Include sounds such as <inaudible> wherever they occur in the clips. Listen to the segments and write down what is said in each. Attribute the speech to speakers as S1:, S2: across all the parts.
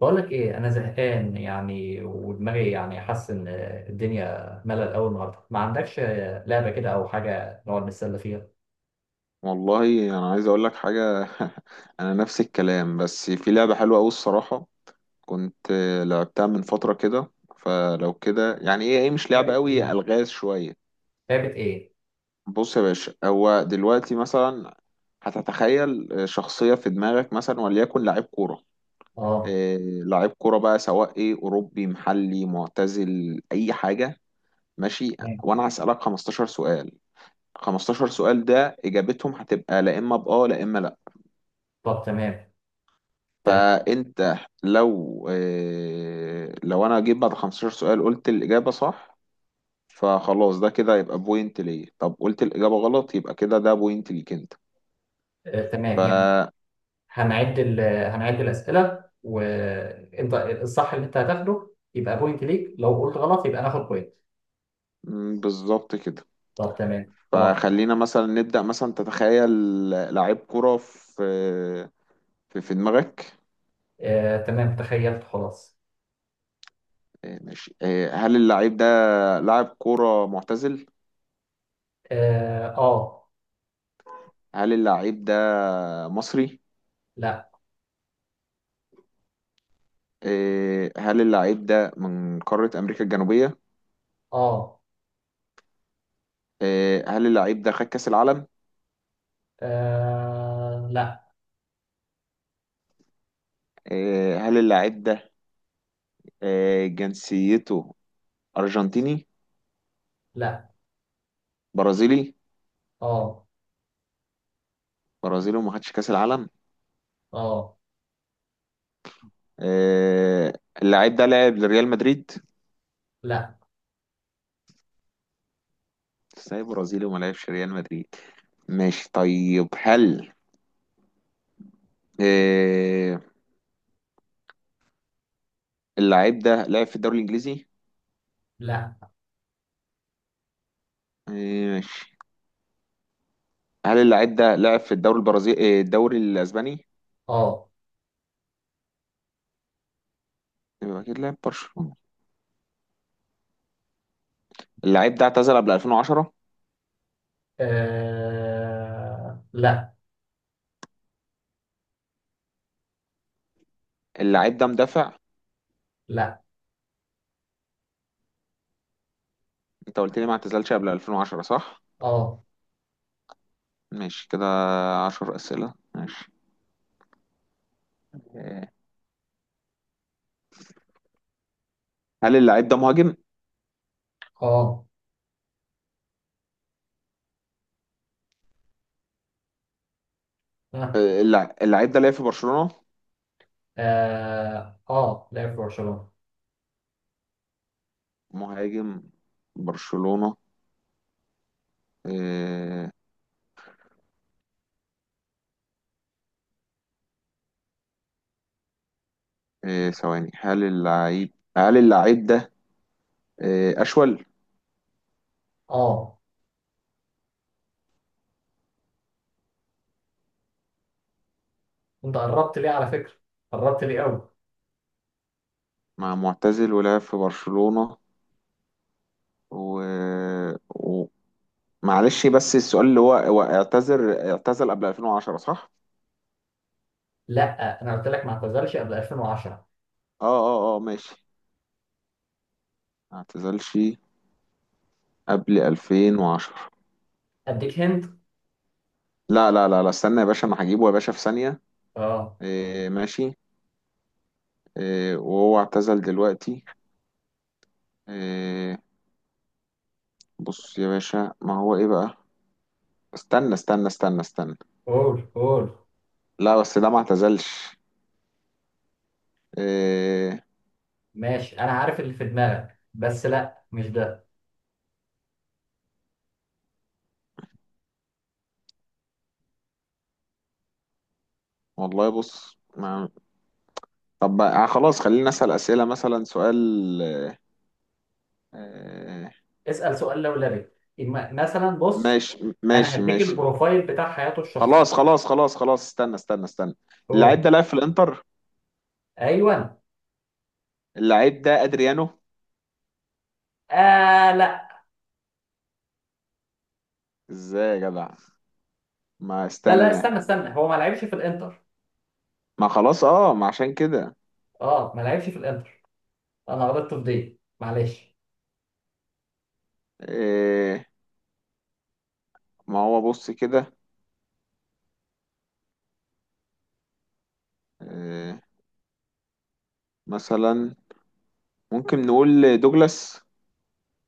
S1: بقول لك ايه، انا زهقان يعني، ودماغي يعني حاسس ان الدنيا ملل. اول النهارده ما عندكش لعبه كده او حاجه نقعد نتسلى فيها.
S2: والله انا عايز اقول لك حاجه <laughs> انا نفس الكلام، بس في لعبه حلوه قوي الصراحه، كنت لعبتها من فتره كده. فلو كده يعني ايه مش
S1: لعبة
S2: لعبه
S1: ايه؟
S2: قوي، الغاز شويه.
S1: لعبه ايه؟
S2: بص يا باشا، هو دلوقتي مثلا هتتخيل شخصيه في دماغك، مثلا وليكن لعيب كوره.
S1: اه،
S2: إيه، لعيب كوره بقى، سواء ايه اوروبي محلي معتزل اي حاجه. ماشي.
S1: تمام.
S2: وانا هسالك 15 سؤال. 15 سؤال ده اجابتهم هتبقى لا اما باه لا اما.
S1: طب تمام، تمام.
S2: فانت لو انا جيت بعد 15 سؤال قلت الاجابه صح، فخلاص ده كده يبقى بوينت ليا. طب قلت الاجابه غلط، يبقى كده ده بوينت ليك انت.
S1: آه
S2: ف
S1: تمام يعني. هنعد ال... هنعد الاسئله، وانت الصح اللي انت هتاخده يبقى بوينت ليك، لو قلت غلط يبقى ناخد بوينت.
S2: بالظبط كده.
S1: طب تمام خلاص.
S2: فخلينا مثلا نبدا، مثلا تتخيل لعيب كره في دماغك.
S1: آه تمام تخيلت خلاص.
S2: آه، ماشي. آه، هل اللعيب ده لاعب كره معتزل؟
S1: اه،
S2: هل اللعيب ده مصري؟
S1: لا.
S2: آه، هل اللعيب ده من قاره امريكا الجنوبيه؟
S1: اه،
S2: آه، هل اللعيب ده خد كأس العالم؟
S1: لا.
S2: آه، هل اللعيب ده، آه، جنسيته أرجنتيني؟
S1: لا.
S2: برازيلي؟
S1: اه.
S2: برازيلي وما خدش كأس العالم؟
S1: اه.
S2: آه، اللعيب ده لعب لريال مدريد؟
S1: لا.
S2: ازاي برازيلي وما لعبش ريال مدريد؟ ماشي طيب، هل آه، اللعيب ده لعب في الدوري الإنجليزي؟
S1: لا.
S2: آه، ماشي. هل اللعيب ده لعب في الدوري البرازيلي، آه، الدوري الأسباني؟
S1: اه.
S2: يبقى أكيد لعب برشلونة. اللعيب ده اعتزل قبل 2010؟
S1: لا.
S2: اللعيب ده مدافع؟
S1: لا.
S2: انت قلت لي ما اعتزلش قبل 2010 صح؟
S1: اه.
S2: ماشي كده. عشر أسئلة. ماشي. آه، هل اللاعب ده مهاجم؟
S1: اه. اه.
S2: آه، اللاعب ده لعب في برشلونة.
S1: اه، لعب في برشلونة.
S2: مهاجم، برشلونة. آه، آه، ثواني. هل اللاعب، هل اللاعب ده، آه، أشول؟
S1: اه، انت قربت ليه على فكرة، قربت ليه قوي.
S2: مع معتزل ولعب في برشلونة و... و... معلش بس السؤال اللي هو هو اعتزل قبل 2010 صح؟
S1: لا، انا قلت لك ما اعتزلش قبل 2010.
S2: اه. اه اه، ماشي. ما اعتزلش قبل 2010.
S1: اديك هند.
S2: لا لا لا لا، استنى يا باشا، انا هجيبه يا باشا في ثانية.
S1: اه،
S2: إيه، ماشي. إيه، وهو اعتزل دلوقتي؟ إيه. بص يا باشا، ما هو ايه بقى. استنى استنى استنى استنى.
S1: قول قول.
S2: لا بس ده ما اعتزلش. إيه.
S1: ماشي، انا عارف اللي في دماغك، بس لا، مش ده.
S2: والله بص ما. طب بقى آه، خلاص خلينا نسأل أسئلة، مثلا سؤال. إيه.
S1: اسأل سؤال لولبي. مثلا بص،
S2: ماشي
S1: انا
S2: ماشي
S1: هديك
S2: ماشي.
S1: البروفايل بتاع حياته الشخصية.
S2: خلاص خلاص خلاص خلاص، استنى استنى استنى. اللعيب
S1: قول.
S2: ده لعب في الانتر.
S1: ايوه.
S2: اللعيب ده ادريانو.
S1: آه لا.
S2: ازاي يا جدع، ما
S1: لا لا،
S2: استنى.
S1: استنى استنى، هو ما لعبش في الانتر.
S2: ما خلاص اه، ما عشان كده.
S1: اه، ما لعبش في الانتر. انا غلطت في دي، معلش.
S2: إيه. ما هو بص كده. إيه، مثلا ممكن نقول دوجلاس.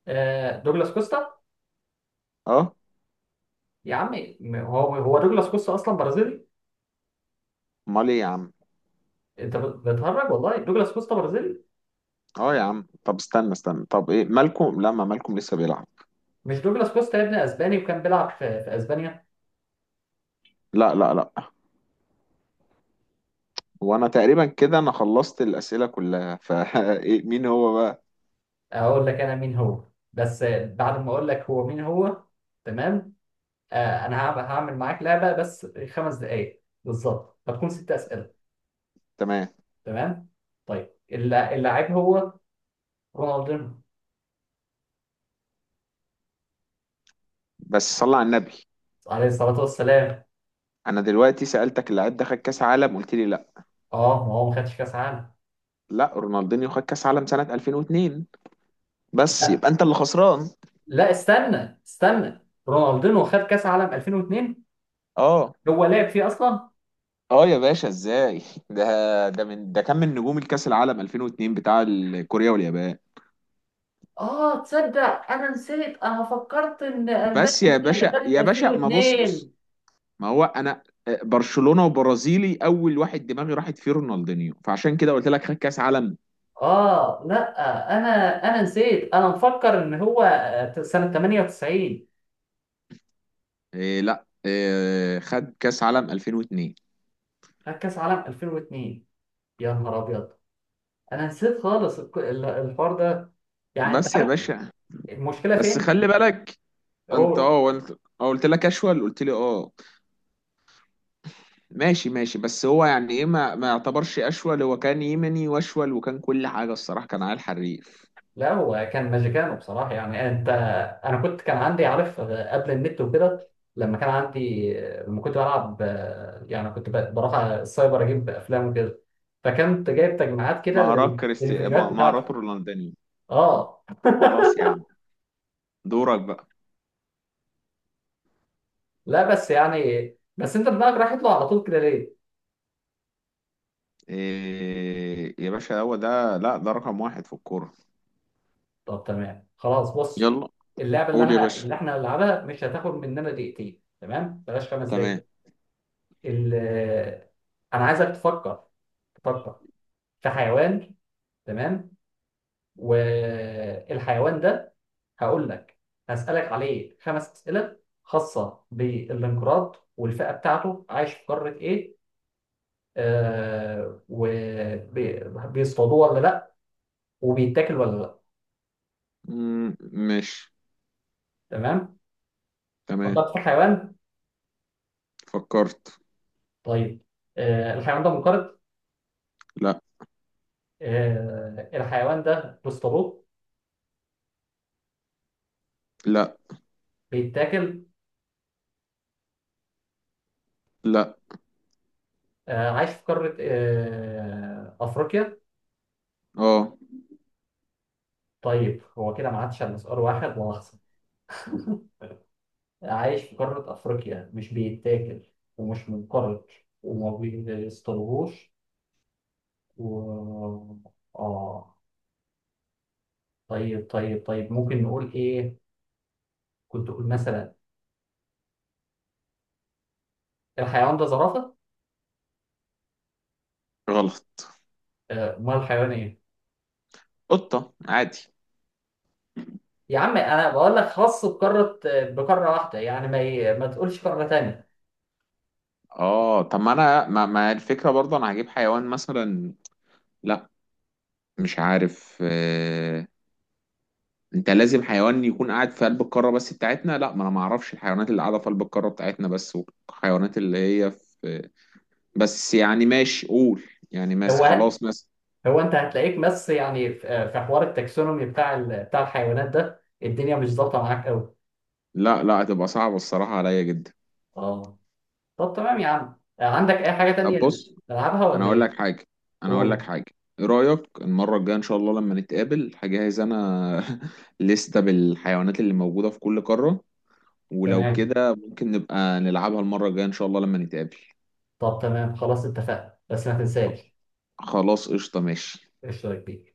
S1: آه دوجلاس كوستا.
S2: اه.
S1: يا عمي، هو دوجلاس كوستا اصلا برازيلي.
S2: امال ايه يا عم.
S1: انت بتهرج، والله دوجلاس كوستا برازيلي.
S2: اه يا عم، طب استنى استنى، طب ايه مالكم، لا ما مالكم لسه بيلعب.
S1: مش دوجلاس كوستا يا ابني اسباني، وكان بيلعب في اسبانيا.
S2: لا لا لا. وانا تقريبا كده انا خلصت الاسئله كلها <laughs> إيه، مين هو بقى.
S1: اقول لك انا مين هو، بس بعد ما اقول لك هو مين هو. تمام. آه، انا هعمل معاك لعبه بس 5 دقائق بالظبط، هتكون 6 اسئله.
S2: تمام.
S1: تمام. طيب، اللاعب هو رونالدينو.
S2: بس صلى على النبي.
S1: عليه الصلاه والسلام.
S2: انا دلوقتي سالتك اللاعب ده خد كاس عالم، قلت لي لا.
S1: اه، ما هو ما خدش كاس عالم.
S2: لا، رونالدينيو خد كاس عالم سنه 2002، بس
S1: لا،
S2: يبقى انت اللي خسران.
S1: لا استنى استنى، رونالدينو خد كاس عالم 2002؟
S2: اه.
S1: هو لعب فيه اصلا؟
S2: اه يا باشا، ازاي <laughs> ده كان من نجوم الكاس العالم 2002 بتاع كوريا واليابان.
S1: اه تصدق انا نسيت، انا فكرت ان
S2: بس يا
S1: البانيا هي اللي
S2: باشا
S1: خدت
S2: يا باشا، ما بص بص.
S1: 2002.
S2: ما هو انا آه، برشلونة وبرازيلي، اول واحد دماغي راحت فيه رونالدينيو، فعشان كده قلت لك خد كاس عالم.
S1: اه لا، انا انا نسيت، انا مفكر ان هو سنة 98
S2: إيه، لا، إيه خد كاس عالم 2002.
S1: خد كاس عالم 2002. يا نهار ابيض، انا نسيت خالص الحوار ده. يعني انت
S2: بس يا
S1: عارف.
S2: باشا،
S1: المشكلة
S2: بس
S1: فين؟
S2: خلي بالك. انت
S1: هو
S2: قلت، قلت لك اشول، قلت لي اه. ماشي ماشي، بس هو يعني ايه ما يعتبرش اشول، هو كان يمني واشول وكان كل حاجة الصراحة، كان عيل حريف.
S1: لا، هو كان ماجيكانو بصراحة. يعني انت، انا كنت، كان عندي، عارف قبل النت وكده، لما كان عندي، لما كنت بلعب، يعني كنت بروح على السايبر اجيب افلام وكده، فكنت جايب تجميعات كده
S2: مهارات كريستي،
S1: للفيديوهات بتاعتي.
S2: مهارات رونالدينيو.
S1: اه.
S2: خلاص يا عم، دورك بقى.
S1: لا، بس يعني، بس انت دماغك رايح يطلع على طول كده ليه؟
S2: إيه يا باشا، هو ده لا، ده رقم واحد في الكورة.
S1: طب تمام خلاص، بص.
S2: يلا.
S1: اللعبة اللي
S2: قول يا
S1: انا،
S2: باشا.
S1: اللي احنا هنلعبها مش هتاخد مننا دقيقتين، تمام؟ بلاش خمس
S2: تمام.
S1: دقايق ال- انا عايزك تفكر، تفكر في حيوان، تمام؟ والحيوان ده هقول لك، هسألك عليه 5 أسئلة خاصة بالانقراض، والفئة بتاعته، عايش في قارة إيه، وبيصطادوه ولا لأ، وبيتاكل ولا لأ.
S2: مم، ماشي.
S1: تمام.
S2: تمام.
S1: فكرت في الحيوان؟
S2: فكرت.
S1: طيب. آه، الحيوان ده منقرض؟
S2: لا
S1: آه، الحيوان ده بيصطادوه؟
S2: لا
S1: بيتاكل؟
S2: لا.
S1: آه، عايش في قارة، أفريقيا؟
S2: اه،
S1: طيب، هو كده ما عادش على سؤال واحد ولا؟ عايش في قارة أفريقيا، مش بيتاكل، ومش منقرض، وما بيصطادوهوش، و آه طيب طيب طيب، ممكن نقول إيه؟ كنت أقول مثلا، الحيوان ده زرافة؟
S2: غلط.
S1: أمال الحيوان إيه؟
S2: قطة عادي.
S1: يا عم أنا بقول لك خاص بقارة، بقارة واحدة، يعني ما تقولش قارة تانية.
S2: اه، طب ما انا ما الفكرة برضه، انا هجيب حيوان مثلا. لا، مش عارف. آه. انت لازم حيوان يكون قاعد في قلب القارة بس بتاعتنا. لا، ما انا ما اعرفش الحيوانات اللي قاعدة في قلب القارة بتاعتنا بس، والحيوانات اللي هي في. بس يعني ماشي، قول. يعني ماشي
S1: هو
S2: خلاص ماشي.
S1: هو أنت هتلاقيك، بس يعني في حوار التاكسونومي بتاع بتاع الحيوانات ده، الدنيا مش ظابطة معاك أوي.
S2: لا لا، هتبقى صعبة الصراحة عليا جدا.
S1: آه. طب تمام يا عم، عندك أي حاجة
S2: طب
S1: تانية
S2: بص.
S1: نلعبها
S2: انا
S1: ولا
S2: اقول
S1: إيه؟
S2: لك حاجة. انا اقول لك
S1: قول.
S2: حاجة. ايه رأيك المرة الجاية ان شاء الله لما نتقابل هجهز انا <laughs> لستة بالحيوانات اللي موجودة في كل قارة، ولو
S1: تمام.
S2: كده ممكن نبقى نلعبها المرة الجاية ان شاء الله لما نتقابل.
S1: طب تمام خلاص، اتفقنا، بس ما تنساش.
S2: خلاص قشطة ماشي.
S1: اشترك بيه.